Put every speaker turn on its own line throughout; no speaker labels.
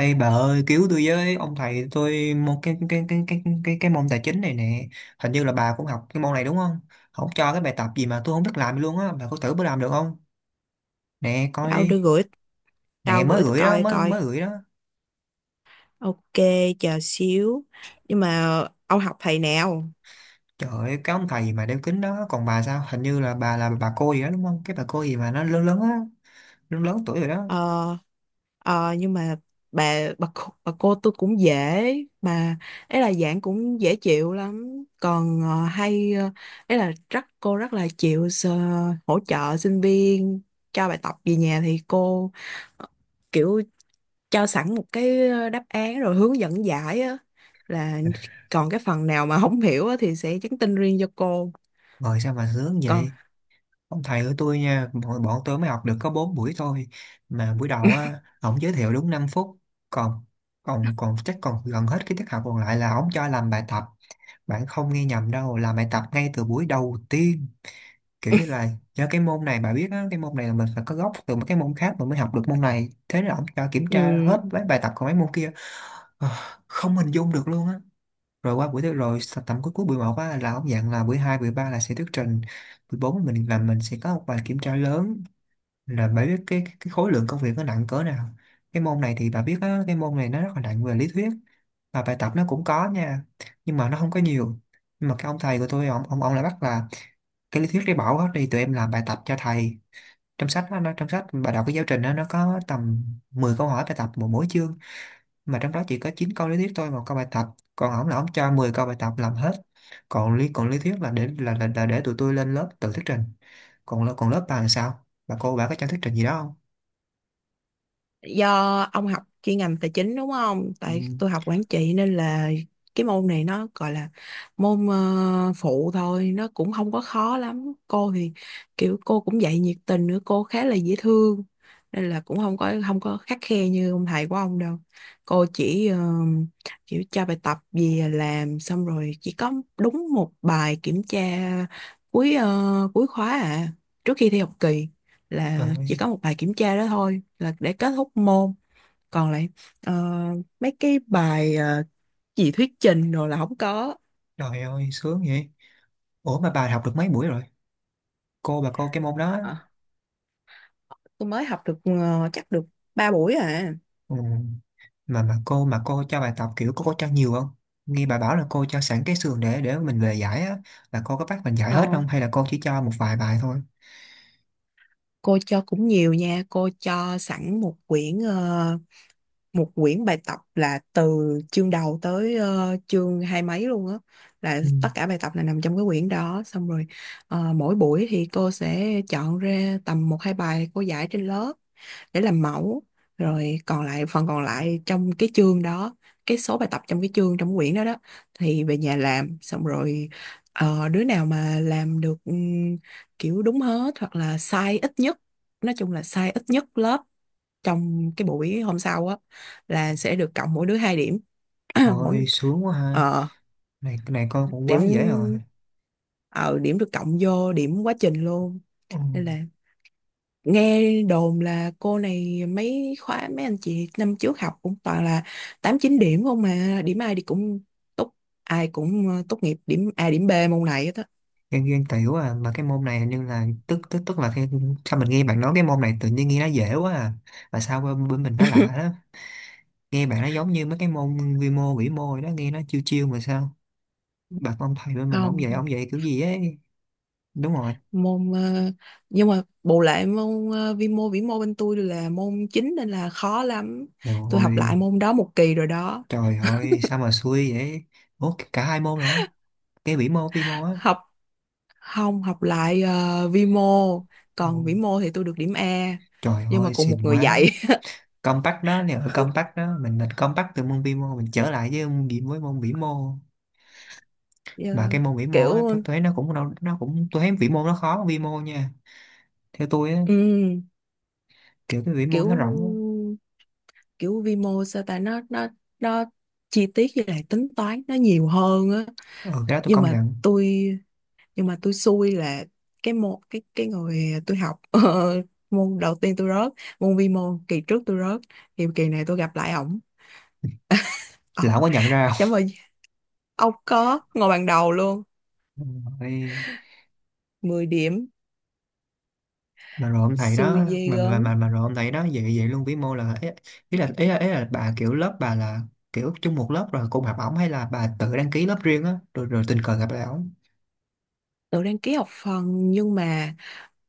Ê bà ơi, cứu tôi với! Ông thầy tôi một cái môn tài chính này nè. Hình như là bà cũng học cái môn này đúng không? Không, cho cái bài tập gì mà tôi không biết làm luôn á. Bà có thử bữa làm được không? Nè, coi
Tao đưa
đi.
gửi,
Nè,
tao
mới
gửi tôi
gửi đó,
coi
mới
coi.
mới gửi đó.
Ok, chờ xíu. Nhưng mà ông học thầy nào?
Trời ơi, cái ông thầy mà đeo kính đó. Còn bà, sao hình như là bà cô gì đó đúng không? Cái bà cô gì mà nó lớn lớn á, lớn lớn tuổi rồi đó.
ờ nhưng mà bà cô tôi cũng dễ mà. Ấy là giảng cũng dễ chịu lắm, còn hay ấy là rất cô rất là chịu hỗ trợ sinh viên. Cho bài tập về nhà thì cô ờ, kiểu cho sẵn một cái đáp án rồi hướng dẫn giải á, là còn cái phần nào mà không hiểu á thì sẽ nhắn tin riêng cho cô.
Ngồi sao mà sướng
Còn
vậy. Ông thầy của tôi nha, bọn tôi mới học được có 4 buổi thôi. Mà buổi đầu á, ổng giới thiệu đúng 5 phút. Còn còn còn chắc còn gần hết cái tiết học còn lại là ổng cho làm bài tập. Bạn không nghe nhầm đâu, làm bài tập ngay từ buổi đầu tiên. Kiểu như là do cái môn này, bà biết á, cái môn này là mình phải có gốc từ một cái môn khác mình mới học được môn này. Thế là ổng cho kiểm tra
ừ.
hết mấy bài tập của mấy môn kia. Ờ, Không hình dung được luôn á. Rồi qua buổi thứ tầm cuối cuối buổi 1 á, là ổng dặn là buổi 2 buổi 3 là sẽ thuyết trình, buổi 4 mình sẽ có một bài kiểm tra lớn. Là bà biết cái cái khối lượng công việc nó nặng cỡ nào. Cái môn này thì bà biết á, cái môn này nó rất là nặng về lý thuyết, và bài tập nó cũng có nha, nhưng mà nó không có nhiều. Nhưng mà cái ông thầy của tôi, ông lại bắt là cái lý thuyết đi bỏ hết đi, tụi em làm bài tập cho thầy. Trong sách á, nó trong sách bà đọc cái giáo trình đó, nó có tầm 10 câu hỏi bài tập một mỗi chương, mà trong đó chỉ có 9 câu lý thuyết thôi, 1 câu bài tập. Còn ổng là ổng cho 10 câu bài tập làm hết. Còn lý thuyết là để tụi tôi lên lớp tự thuyết trình. Còn lớp bà làm sao, bà cô bà có cho thuyết trình gì đó?
Do ông học chuyên ngành tài chính đúng không?
Ừ.
Tại tôi học quản trị nên là cái môn này nó gọi là môn phụ thôi, nó cũng không có khó lắm. Cô thì kiểu cô cũng dạy nhiệt tình nữa, cô khá là dễ thương nên là cũng không có khắt khe như ông thầy của ông đâu. Cô chỉ kiểu cho bài tập về làm xong rồi chỉ có đúng một bài kiểm tra cuối khóa à, trước khi thi học kỳ, là chỉ
Trời.
có một bài kiểm tra đó thôi là để kết thúc môn. Còn lại ờ, mấy cái bài gì thuyết trình rồi là không có.
Trời ơi, sướng vậy. Ủa, mà bà học được mấy buổi rồi? Cô, bà cô cái môn đó.
Ờ, tôi mới học được chắc được 3 buổi à.
Ừ. Mà cô cho bài tập, kiểu cô có cho nhiều không? Nghe bà bảo là cô cho sẵn cái sườn để mình về giải á, là cô có bắt mình giải hết
Ờ,
không hay là cô chỉ cho một vài bài thôi?
cô cho cũng nhiều nha, cô cho sẵn một quyển một quyển bài tập là từ chương đầu tới chương hai mấy luôn á, là
Ừ.
tất cả bài tập là nằm trong cái quyển đó. Xong rồi mỗi buổi thì cô sẽ chọn ra tầm một hai bài cô giải trên lớp để làm mẫu, rồi còn lại phần còn lại trong cái chương đó, cái số bài tập trong cái chương trong quyển đó đó, thì về nhà làm. Xong rồi đứa nào mà làm được kiểu đúng hết hoặc là sai ít nhất, nói chung là sai ít nhất lớp, trong cái buổi hôm sau á là sẽ được cộng mỗi đứa hai điểm. mỗi
Ôi sướng quá ha.
ờ
Này cái này con cũng quá dễ rồi.
điểm ờ điểm được cộng vô điểm quá trình luôn,
Ừ.
nên là nghe đồn là cô này mấy khóa mấy anh chị năm trước học cũng toàn là tám chín điểm không, mà điểm ai thì cũng tốt, ai cũng tốt nghiệp điểm A điểm B môn này hết á.
Ghen ghen tiểu à. Mà cái môn này, nhưng là tức tức tức là cái, sao mình nghe bạn nói cái môn này tự nhiên nghe nó dễ quá à. Mà sao bên mình nó lạ đó. Nghe bạn nó giống như mấy cái môn vi mô vĩ mô rồi đó, nghe nó chiêu chiêu. Mà sao bạc, ông thầy bên mình
Không.
ông dạy kiểu gì ấy. Đúng rồi.
môn ờ, nhưng mà bù lại môn vi mô vĩ mô bên tôi là môn chính nên là khó lắm,
Trời
tôi học
ơi.
lại môn đó một kỳ rồi đó.
Trời ơi, sao mà xui vậy. Ủa, cả hai môn luôn á? Cái vĩ mô vi mô á?
học Không, học lại vi mô, còn
Ồ,
vĩ mô thì tôi được điểm A,
trời
nhưng mà
ơi,
cùng một
xịn
người
quá.
dạy.
Compact đó nè, ở compact đó mình compact từ môn vi mô mình trở lại với môn vĩ mô. Mà
Ờ,
cái môn vĩ mô á,
Kiểu
tôi thấy nó cũng nó cũng, tôi thấy vĩ mô nó khó hơn vi mô nha, theo tôi á.
ừm,
Kiểu cái vĩ mô
kiểu
nó rộng
kiểu vi mô sao ta, nó nó chi tiết với lại tính toán nó nhiều hơn á.
á. Ừ, cái đó tôi
nhưng
công
mà
nhận.
tôi nhưng mà tôi xui là cái môn cái người tôi học môn đầu tiên tôi rớt, môn vi mô kỳ trước tôi rớt, thì kỳ này tôi gặp lại ổng. Ông...
Lão có nhận ra không?
chấm ơi, ông có ngồi bàn đầu luôn.
Ừ.
10 điểm,
Mà rồi ông thầy
xui
đó,
ghê
mà
gớm.
mà mà, mà rồi ông thầy đó vậy vậy luôn, vĩ mô là ý là bà kiểu lớp bà là kiểu chung một lớp rồi cùng học ổng, hay là bà tự đăng ký lớp riêng á rồi rồi tình cờ gặp lại ổng?
Tôi đăng ký học phần, nhưng mà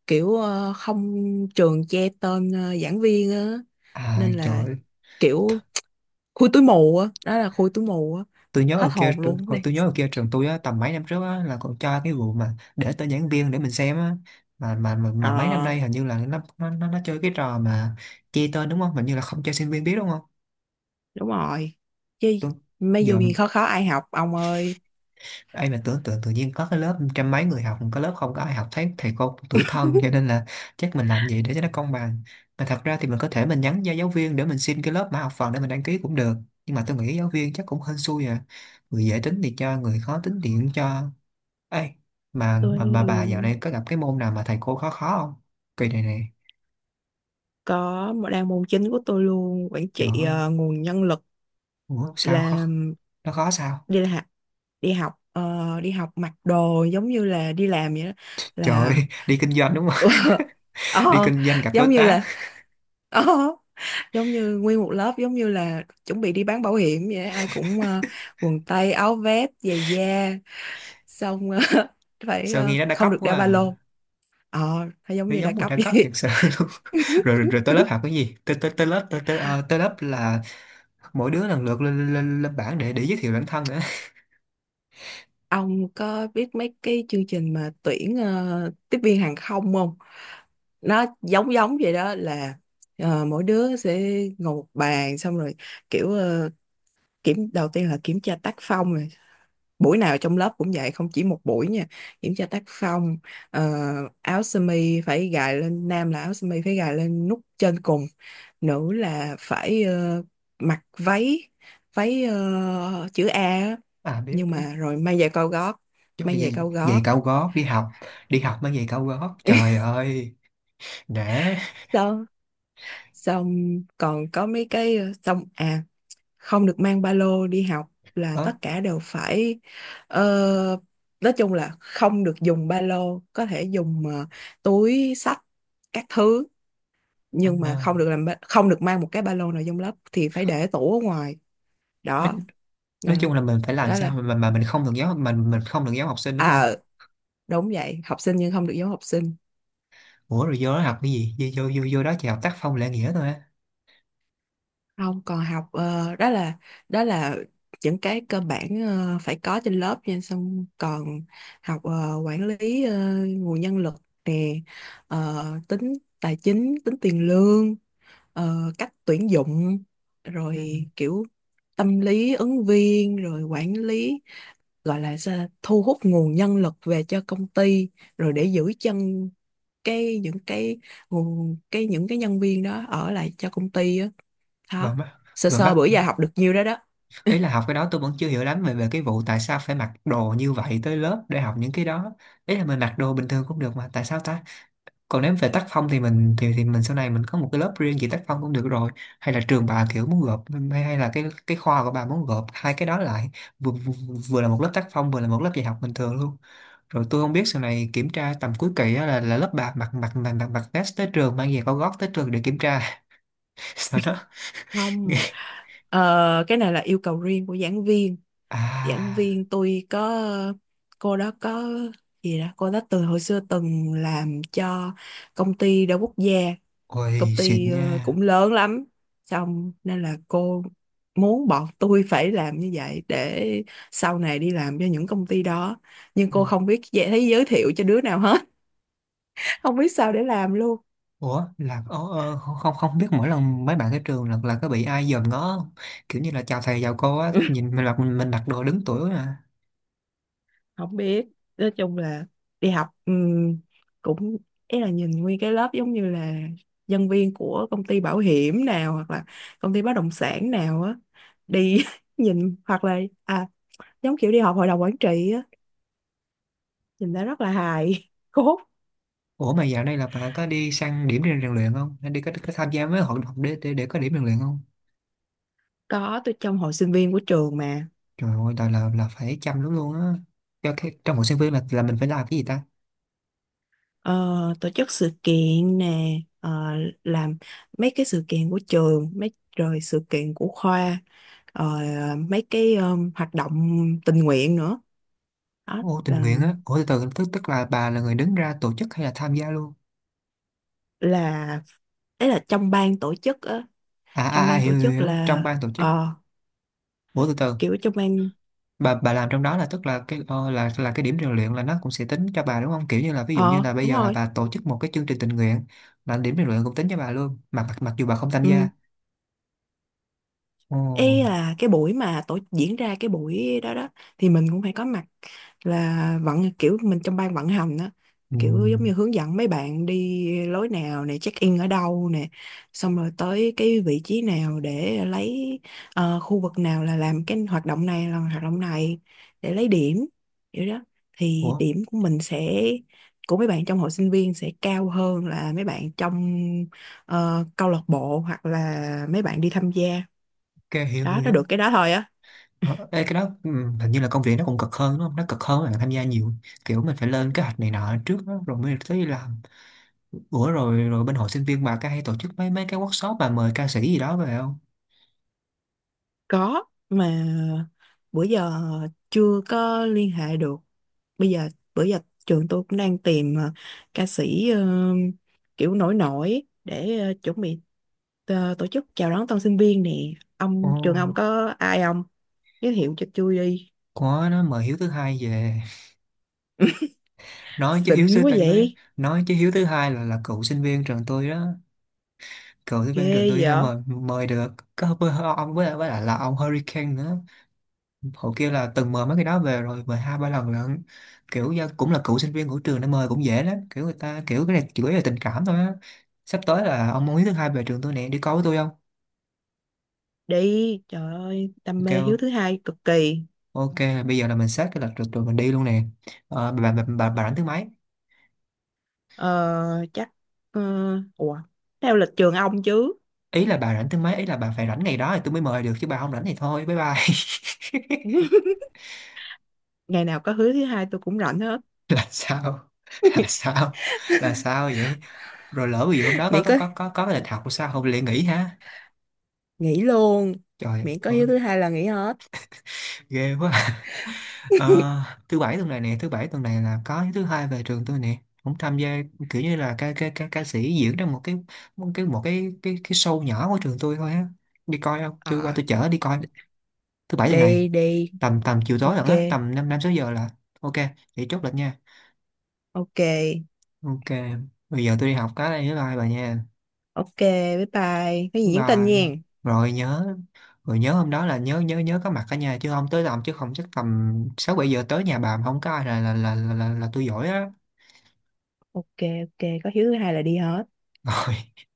kiểu không, trường che tên giảng viên á,
À,
nên
trời
là
ơi.
kiểu khui túi mù á, đó là khui túi mù á.
Tôi nhớ
Hết
ở kia
hồn luôn đây.
trường tôi á, tầm mấy năm trước á là còn cho cái vụ mà để tên giảng viên để mình xem á. Mà mấy năm
Ờ
nay hình như là nó chơi cái trò mà che tên, đúng không? Hình như là không cho sinh viên biết đúng không?
Đúng rồi chứ,
Tôi
mấy dù
giờ,
gì khó, khó ai học ông ơi.
ai mà tưởng tượng tự nhiên có cái lớp trăm mấy người học, có lớp không có ai học, thấy thầy cô tủi thân. Cho nên là chắc mình làm gì để cho nó công bằng. Mà thật ra thì mình có thể mình nhắn cho giáo viên để mình xin cái lớp mã học phần để mình đăng ký cũng được, nhưng mà tôi nghĩ giáo viên chắc cũng hên xui à, người dễ tính thì cho, người khó tính thì cũng cho. Ê, mà
Tôi
mà bà dạo này có gặp cái môn nào mà thầy cô khó khó không? Kỳ này này.
có một đang môn chính của tôi luôn, quản
Trời
trị
ơi.
nguồn nhân lực.
Ủa sao
là
khó. Nó khó sao.
là học, đi học đi học mặc đồ giống như là đi làm vậy đó,
Trời ơi,
là
đi kinh doanh đúng không? Đi
ờ,
kinh doanh gặp đối
giống như
tác.
là ờ, giống như nguyên một lớp giống như là chuẩn bị đi bán bảo hiểm vậy đó. Ai cũng quần tây áo vest giày da, xong phải
Sao nghe nó đa
không
cấp
được
quá
đeo ba
à.
lô. ờ nó giống
Nó
như đa
giống mùi
cấp
đa cấp thiệt
vậy.
sự. Rồi, rồi tới lớp học cái gì, tới tới tới lớp tới tới, ờ, tới lớp là mỗi đứa lần lượt lên lên, lên bảng để giới thiệu bản thân nữa.
Ông có biết mấy cái chương trình mà tuyển tiếp viên hàng không không? Nó giống giống vậy đó, là mỗi đứa sẽ ngồi một bàn, xong rồi kiểu kiểm đầu tiên là kiểm tra tác phong. Rồi buổi nào trong lớp cũng vậy, không chỉ một buổi nha. Kiểm tra tác phong, ờ, áo sơ mi phải gài lên, nam là áo sơ mi phải gài lên nút trên cùng, nữ là phải mặc váy, váy chữ A á.
À biết
Nhưng
biết.
mà rồi may giày cao gót,
Trời
may giày
giày,
cao gót.
giày cao gót đi học. Đi học mang giày cao gót, trời ơi. Để
Xong, xong còn có mấy cái xong à, không được mang ba lô đi học, là
ờ,
tất cả đều phải ờ, nói chung là không được dùng ba lô, có thể dùng túi xách các thứ,
à,
nhưng mà
à.
không được mang một cái ba lô nào trong lớp, thì phải để tủ ở ngoài
nói,
đó. Ờ,
nói chung là mình phải làm
Đó là
sao mà mình không được giáo, mình không được giáo học sinh đúng không?
à đúng vậy, học sinh nhưng không được giống học sinh.
Ủa rồi vô đó học cái gì, vô đó chỉ học tác phong lễ nghĩa thôi á?
Không, còn học đó là đó là những cái cơ bản phải có trên lớp nha, xong còn học quản lý nguồn nhân lực nè, tính tài chính, tính tiền lương, cách tuyển dụng,
Ừ.
rồi kiểu tâm lý ứng viên, rồi quản lý gọi là sao, thu hút nguồn nhân lực về cho công ty, rồi để giữ chân cái những cái nguồn cái những cái nhân viên đó ở lại cho công ty á.
Rồi
Đó.
mắt.
Sơ
Rồi
sơ
mắc,
bữa giờ học được nhiêu đó đó.
ý là học cái đó tôi vẫn chưa hiểu lắm về về cái vụ tại sao phải mặc đồ như vậy tới lớp để học những cái đó. Ý là mình mặc đồ bình thường cũng được mà, tại sao ta? Còn nếu về tác phong thì mình sau này mình có một cái lớp riêng về tác phong cũng được rồi. Hay là trường bà kiểu muốn gộp, hay hay là cái khoa của bà muốn gộp hai cái đó lại, vừa, vừa, vừa là một lớp tác phong, vừa là một lớp dạy học bình thường luôn. Rồi tôi không biết sau này kiểm tra tầm cuối kỳ á là lớp bà mặc mặc mặc mặc mặc vest tới trường, mang giày cao gót tới trường để kiểm tra. Sau đó
Không,
nghe
cái này là yêu cầu riêng của giảng viên. Giảng
à.
viên tôi có, cô đó có gì đó, cô đó từ hồi xưa từng làm cho công ty đa quốc gia, công
Ôi xịn
ty
nha.
cũng lớn lắm. Xong nên là cô muốn bọn tôi phải làm như vậy để sau này đi làm cho những công ty đó. Nhưng
Ừ.
cô không biết dễ thấy giới thiệu cho đứa nào hết, không biết sao để làm luôn.
Ủa là không, không biết mỗi lần mấy bạn tới trường là có bị ai dòm ngó không? Kiểu như là chào thầy chào cô á, nhìn mình mặc, mặc đồ đứng tuổi mà.
Không biết, nói chung là đi học cũng, ý là nhìn nguyên cái lớp giống như là nhân viên của công ty bảo hiểm nào hoặc là công ty bất động sản nào á, đi nhìn, hoặc là à giống kiểu đi họp hội đồng quản trị á, nhìn đã rất là hài cốt.
Ủa mà dạo này là bạn có đi sang điểm rèn rèn luyện không? Hay đi có tham gia mấy hoạt động để, để có điểm rèn luyện không?
Có, tôi trong hội sinh viên của trường mà.
Trời ơi là là phải chăm lắm luôn á. Cho cái, trong một sinh viên là mình phải làm cái gì ta?
Ờ, Tổ chức sự kiện nè, ờ, làm mấy cái sự kiện của trường mấy, rồi sự kiện của khoa, ờ, mấy cái hoạt động tình nguyện nữa, đó
Ô tình
là
nguyện á. Ủa từ từ, tức tức là bà là người đứng ra tổ chức hay là tham gia luôn?
là ấy là trong ban tổ chức á.
À
Trong
à, à
ban tổ
hiểu,
chức
hiểu
là
trong ban tổ chức.
ờ
Ủa từ từ,
kiểu trong ban.
bà làm trong đó là tức là cái là cái điểm rèn luyện là nó cũng sẽ tính cho bà đúng không, kiểu như là ví dụ như
Ờ
là bây
Đúng
giờ là
rồi.
bà tổ chức một cái chương trình tình nguyện, là điểm rèn luyện cũng tính cho bà luôn mà mặc dù bà không tham
Ừ,
gia. Ồ.
ý là cái buổi mà tổ diễn ra cái buổi đó đó thì mình cũng phải có mặt, là vận kiểu mình trong ban vận hành đó,
Ừ.
kiểu giống như hướng dẫn mấy bạn đi lối nào nè, check in ở đâu nè, xong rồi tới cái vị trí nào để lấy khu vực nào là làm cái hoạt động này là hoạt động này để lấy điểm, kiểu đó, thì
Ủa.
điểm của mình sẽ của mấy bạn trong hội sinh viên sẽ cao hơn là mấy bạn trong câu lạc bộ hoặc là mấy bạn đi tham gia.
Ok hiểu hiểu
Đó, nó được
hiểu.
cái đó thôi á.
Ờ, ê, cái đó, ừ, hình như là công việc nó cũng cực hơn đúng không, nó cực hơn là tham gia nhiều, kiểu mình phải lên kế hoạch này nọ trước đó, rồi mới tới đi làm. Ủa rồi, bên hội sinh viên bà có hay tổ chức mấy mấy cái workshop mà mời ca sĩ gì đó về không?
Có, mà bữa giờ chưa có liên hệ được. Bây giờ bữa giờ trường tôi cũng đang tìm ca sĩ kiểu nổi nổi để chuẩn bị tổ chức chào đón tân sinh viên nè.
Ồ
Ông, trường ông có ai không? Giới thiệu cho tôi đi.
có, nó mời Hiếu Thứ Hai về. Nói chứ Hiếu
Xịn
sư
quá
tận
vậy.
nói chứ Hiếu Thứ Hai là cựu sinh viên trường tôi đó, cựu sinh viên trường
Ghê
tôi nên
vậy.
mời mời được. Có với ông với lại là ông Hurricane nữa. Hồi kia là từng mời mấy cái đó về rồi, mời 2 3 lần lận. Kiểu do cũng là cựu sinh viên của trường nên mời cũng dễ lắm. Kiểu người ta kiểu cái này chủ yếu là tình cảm thôi á. Sắp tới là ông Hiếu Thứ Hai về trường tôi nè, đi coi với tôi không?
Đi, trời ơi, đam
Ok.
mê Hiếu Thứ Hai cực kỳ.
Ok. Bây giờ là mình xét cái lịch rồi, rồi mình đi luôn nè. Ờ, bà rảnh thứ mấy?
Ờ Chắc, ờ ủa, theo lịch trường ông chứ.
Ý là bà rảnh thứ mấy, ý là bà phải rảnh ngày đó thì tôi mới mời được chứ bà không rảnh thì thôi bye bye.
Ngày nào có Hứa Thứ Hai tôi cũng rảnh hết.
Là sao. Là sao. Là sao vậy. Rồi lỡ ví dụ hôm đó
Miễn có,
có cái lịch học sao, không lại nghỉ hả?
nghỉ luôn.
Trời
Miễn có
ơi.
Hứa Thứ Hai là nghỉ hết.
Ghê quá. Ờ, thứ bảy tuần này nè, thứ bảy tuần này là có Thứ Hai về trường tôi nè, cũng tham gia, kiểu như là ca sĩ diễn trong một cái show nhỏ của trường tôi thôi á. Đi coi không, tôi qua
À,
tôi chở đi coi. Thứ bảy tuần này,
đi đi.
tầm tầm chiều tối
Ok,
lận á, tầm năm 5 6 giờ là. Ok. Vậy chốt lịch nha.
ok.
Ok. Bây giờ tôi đi học cái đây, bye bye bà nha.
Ok, bye bye, cái gì
Bye
nhắn tin
bye.
nha.
Rồi nhớ. Rồi nhớ hôm đó là nhớ, nhớ có mặt cả nhà chứ không, tới làm chứ không chắc tầm 6 7 giờ tới nhà bà mà không có ai là là tôi giỏi á.
Ok, ok, có Hứa Thứ Hai là đi hết.
Rồi.